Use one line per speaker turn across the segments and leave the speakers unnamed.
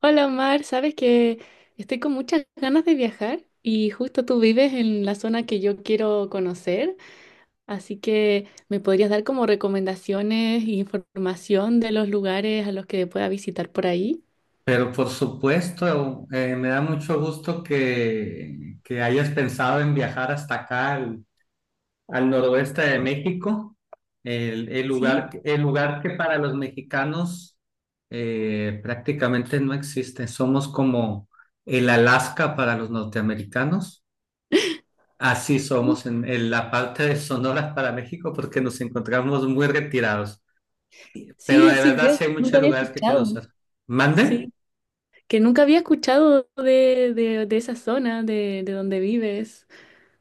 Hola Omar, sabes que estoy con muchas ganas de viajar y justo tú vives en la zona que yo quiero conocer, así que me podrías dar como recomendaciones e información de los lugares a los que pueda visitar por ahí.
Pero por supuesto, me da mucho gusto que hayas pensado en viajar hasta acá, al noroeste de México, el, el lugar,
Sí,
el lugar que para los mexicanos prácticamente no existe. Somos como el Alaska para los norteamericanos. Así somos en la parte de Sonora para México porque nos encontramos muy retirados. Pero
Sí,
de
así
verdad
ves,
sí hay
nunca
muchos
había
lugares que
escuchado.
conocer. ¿Mande?
Sí, que nunca había escuchado de esa zona, de donde vives,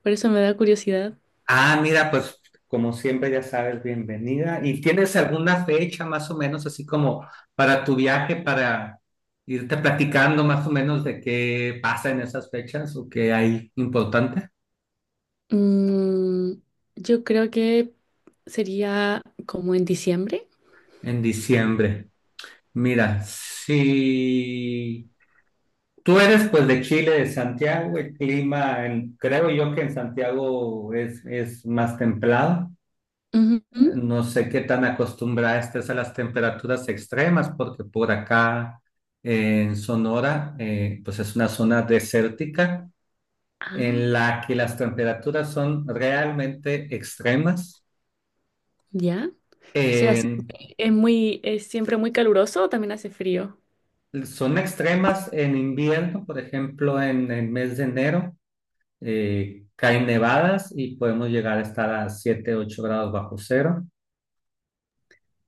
por eso me da curiosidad.
Ah, mira, pues como siempre ya sabes, bienvenida. ¿Y tienes alguna fecha más o menos así como para tu viaje, para irte platicando más o menos de qué pasa en esas fechas o qué hay importante
Mm, yo creo que sería como en diciembre.
en diciembre? Mira, si tú eres pues de Chile, de Santiago, el clima, creo yo que en Santiago es más templado.
Ujú.
No sé qué tan acostumbrada estés a las temperaturas extremas, porque por acá en Sonora, pues es una zona desértica en
Ah,
la que las temperaturas son realmente extremas.
ya. O sea, sí,
En-
es siempre muy caluroso o también hace frío.
son extremas en invierno, por ejemplo, en el mes de enero. Caen nevadas y podemos llegar a estar a 7, 8 grados bajo cero.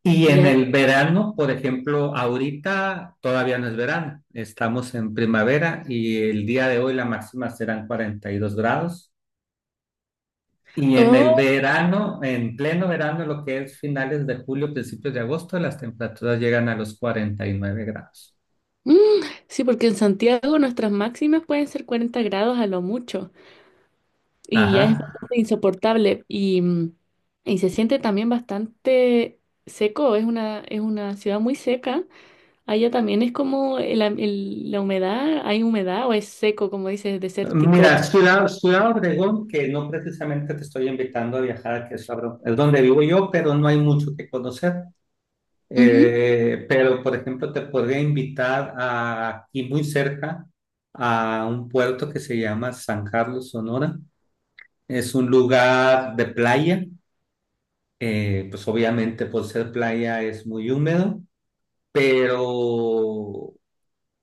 Y en
Ya.
el verano, por ejemplo, ahorita todavía no es verano, estamos en primavera y el día de hoy la máxima serán 42 grados. Y en el
Oh,
verano, en pleno verano, lo que es finales de julio, principios de agosto, las temperaturas llegan a los 49 grados.
mm, sí, porque en Santiago nuestras máximas pueden ser 40 grados a lo mucho y ya
Ajá.
es bastante insoportable y se siente también bastante seco, es una ciudad muy seca. Allá también es como la humedad, hay humedad o es seco, como dices,
Mira,
desértico.
Ciudad Obregón, que no precisamente te estoy invitando a viajar, que es donde vivo yo, pero no hay mucho que conocer.
Ujú,
Pero, por ejemplo, te podría invitar a, aquí muy cerca, a un puerto que se llama San Carlos, Sonora. Es un lugar de playa. Pues obviamente por ser playa es muy húmedo, pero,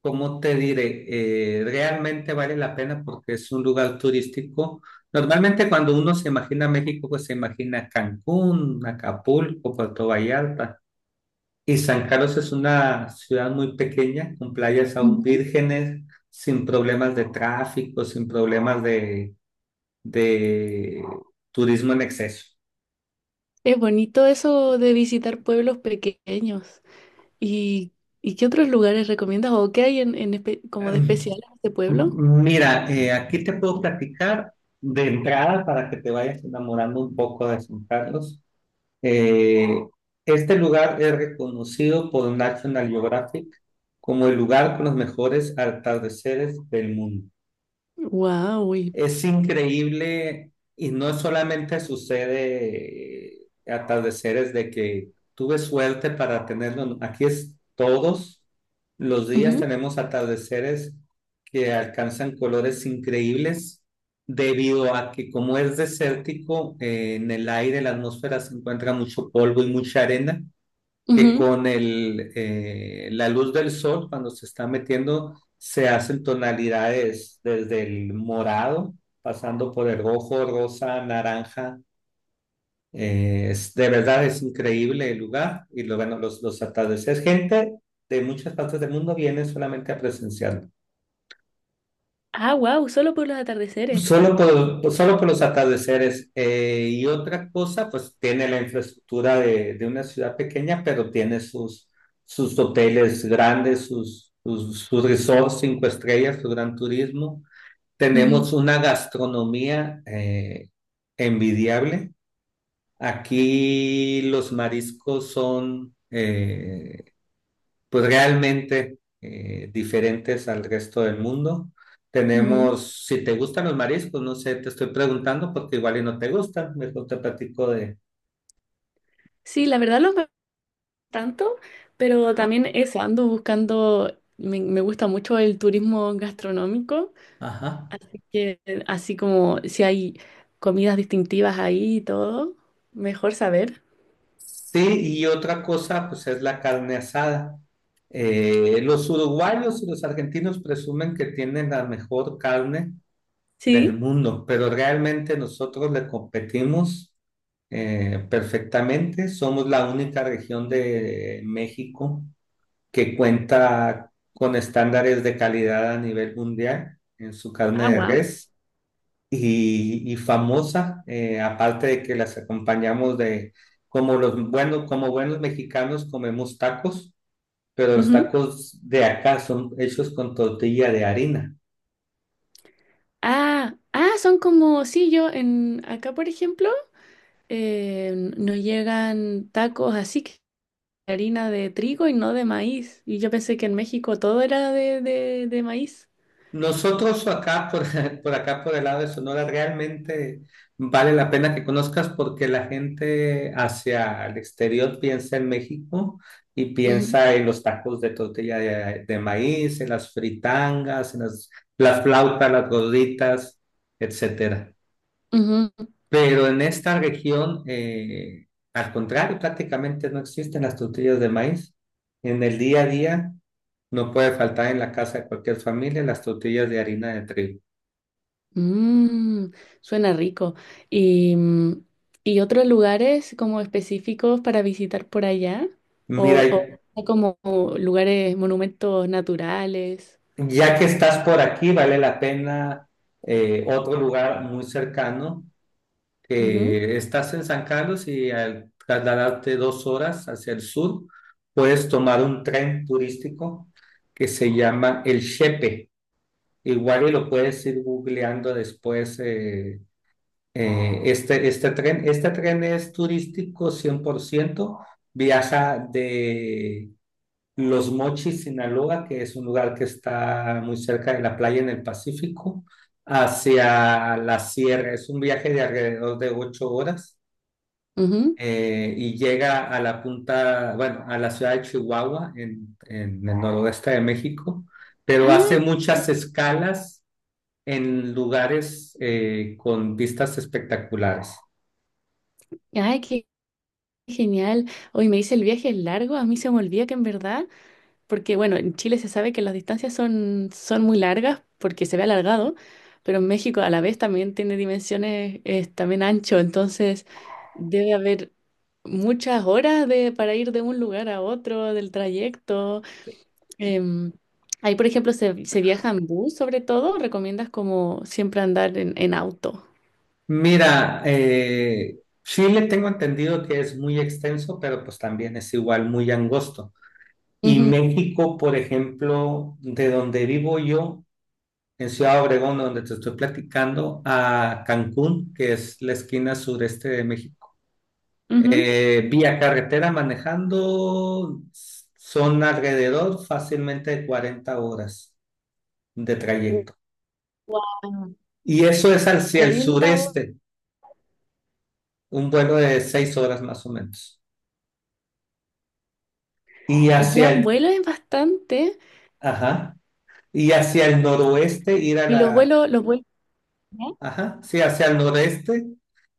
¿cómo te diré? Realmente vale la pena porque es un lugar turístico. Normalmente cuando uno se imagina México, pues se imagina Cancún, Acapulco, Puerto Vallarta. Y San Carlos es una ciudad muy pequeña, con playas aún
ujú.
vírgenes, sin problemas de tráfico, sin problemas de turismo en exceso.
Es bonito eso de visitar pueblos pequeños. ¿Y, y qué otros lugares recomiendas o qué hay como de
Em,
especial en este pueblo?
Mira, aquí te puedo platicar de entrada para que te vayas enamorando un poco de San Carlos. Eh, este lugar es reconocido por National Geographic como el lugar con los mejores atardeceres del mundo.
Wow.
Es increíble, y no solamente sucede, atardeceres de que tuve suerte para tenerlo. No, aquí es todos los días tenemos atardeceres que alcanzan colores increíbles, debido a que, como es desértico, en el aire, la atmósfera, se encuentra mucho polvo y mucha arena que con la luz del sol, cuando se está metiendo, se hacen tonalidades desde el morado, pasando por el rojo, rosa, naranja. De verdad es increíble el lugar y bueno, los atardeceres. Gente de muchas partes del mundo viene solamente a presenciarlo.
Ah, wow, solo por los
pues,
atardeceres.
Solo por, solo por los atardeceres. Y otra cosa, pues tiene la infraestructura de una ciudad pequeña, pero tiene sus hoteles grandes, sus resorts cinco estrellas, su gran turismo.
Ujú,
Tenemos una gastronomía envidiable. Aquí los mariscos son, pues realmente, diferentes al resto del mundo.
ujú.
Tenemos, si te gustan los mariscos, no sé, te estoy preguntando porque igual y no te gustan, mejor te platico de...
Sí, la verdad los veo tanto, pero también eso, ando buscando, me gusta mucho el turismo gastronómico,
Ajá.
así que así como si hay comidas distintivas ahí y todo, mejor saber.
Sí, y otra cosa, pues es la carne asada. Los uruguayos y los argentinos presumen que tienen la mejor carne del
Sí.
mundo, pero realmente nosotros le competimos, perfectamente. Somos la única región de México que cuenta con estándares de calidad a nivel mundial en su carne
Ah,
de
wow.
res, y famosa, aparte de que las acompañamos de, como los bueno como buenos mexicanos comemos tacos, pero los tacos de acá son hechos con tortilla de harina.
Ah, ah, son como, sí, yo en acá, por ejemplo, nos llegan tacos así que harina de trigo y no de maíz. Y yo pensé que en México todo era de maíz.
Nosotros acá, por acá, por el lado de Sonora, realmente vale la pena que conozcas, porque la gente hacia el exterior piensa en México y
Ujú.
piensa en los tacos de tortilla de maíz, en las fritangas, en las flautas, las gorditas, etcétera.
Ujú.
Pero en esta región, al contrario, prácticamente no existen las tortillas de maíz. En el día a día no puede faltar en la casa de cualquier familia las tortillas de harina de trigo.
Mm, Suena rico. Y, mm, ¿Y otros lugares como específicos para visitar por allá?
Mira,
O, o como lugares, monumentos naturales.
ya que estás por aquí, vale la pena, otro lugar muy cercano,
Ujú,
que estás en San Carlos y al trasladarte 2 horas hacia el sur, puedes tomar un tren turístico que se llama el Chepe. Igual y lo puedes ir googleando después. Este tren, este tren, es turístico 100%. Viaja de Los Mochis, Sinaloa, que es un lugar que está muy cerca de la playa en el Pacífico, hacia la sierra. Es un viaje de alrededor de 8 horas,
ujú.
y llega a la punta, bueno, a la ciudad de Chihuahua, en el noroeste de México, pero
Ah,
hace muchas escalas en lugares, con vistas espectaculares.
ay, qué genial. Hoy me dice el viaje es largo. A mí se me olvida que en verdad, porque bueno, en Chile se sabe que las distancias son muy largas porque se ve alargado, pero en México a la vez también tiene dimensiones, es también ancho, entonces debe haber muchas horas de, para ir de un lugar a otro, del trayecto. Em, Ahí, por ejemplo, se viaja en bus sobre todo. ¿Recomiendas como siempre andar en auto?
Mira, Chile tengo entendido que es muy extenso, pero pues también es igual muy angosto. Y
Ujú,
México, por ejemplo, de donde vivo yo, en Ciudad Obregón, donde te estoy platicando, a Cancún, que es la esquina sureste de México.
ujú.
Vía carretera manejando son alrededor fácilmente de 40 horas de trayecto.
Guau,
Y eso es hacia el
40 horas.
sureste, un vuelo de 6 horas más o menos. Y ah,
Ya
hacia
en
el,
vuelo es bastante.
ajá, y hacia el noroeste ir a
Y los
la,
vuelos, los vuelos.
ajá, sí, hacia el noreste,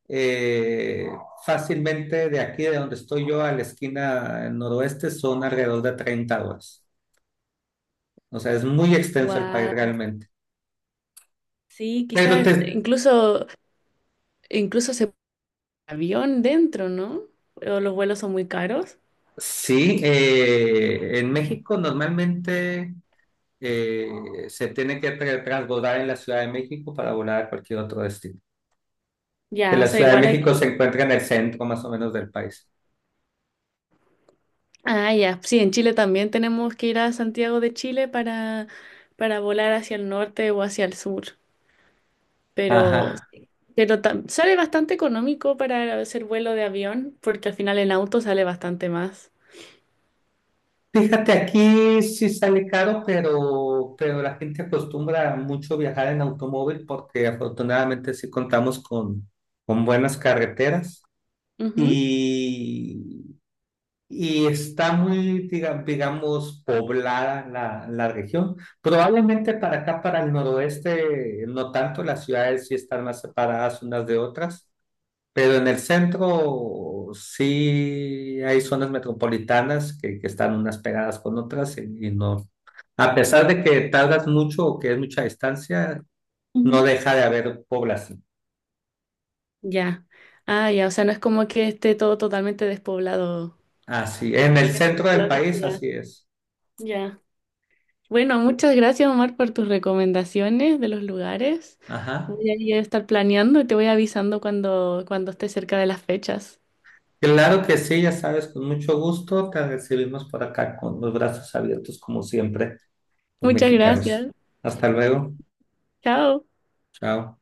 eh, fácilmente de aquí de donde estoy yo a la esquina noroeste son alrededor de 30 horas. O sea, es muy extenso el país
Wow.
realmente.
Sí,
Pero
quizás
te,
incluso se pone avión dentro, ¿no? O los vuelos son muy caros.
sí, en México normalmente, eh, se tiene que transbordar en la Ciudad de México para volar a cualquier otro destino. Que
Ya, o
la
sea,
Ciudad de
igual hay.
México se encuentra en el centro más o menos del país.
Ah, ya. Sí, en Chile también tenemos que ir a Santiago de Chile para volar hacia el norte o hacia el sur. Pero,
Ajá.
pero sale bastante económico para hacer vuelo de avión, porque al final en auto sale bastante más.
Fíjate, aquí sí sale caro, pero, la gente acostumbra mucho viajar en automóvil porque afortunadamente sí contamos con buenas carreteras
Ujú.
y, y está muy, digamos poblada la región. Probablemente para acá, para el noroeste, no tanto, las ciudades sí están más separadas unas de otras. Pero en el centro sí hay zonas metropolitanas que están unas pegadas con otras, y no. A pesar de que tardas mucho o que es mucha distancia, no
Ujú.
deja de haber población.
Ya. Ah, ya, o sea, no es como que esté todo totalmente despoblado.
Así, en el centro
Lo
del país,
dice.
así es.
Ya. Ya. Bueno, muchas gracias, Omar, por tus recomendaciones de los lugares.
Ajá.
Voy a ir a estar planeando y te voy avisando cuando esté cerca de las fechas.
Claro que sí, ya sabes, con mucho gusto te recibimos por acá con los brazos abiertos, como siempre, los
Muchas
mexicanos.
gracias.
Hasta luego.
Chao.
Chao.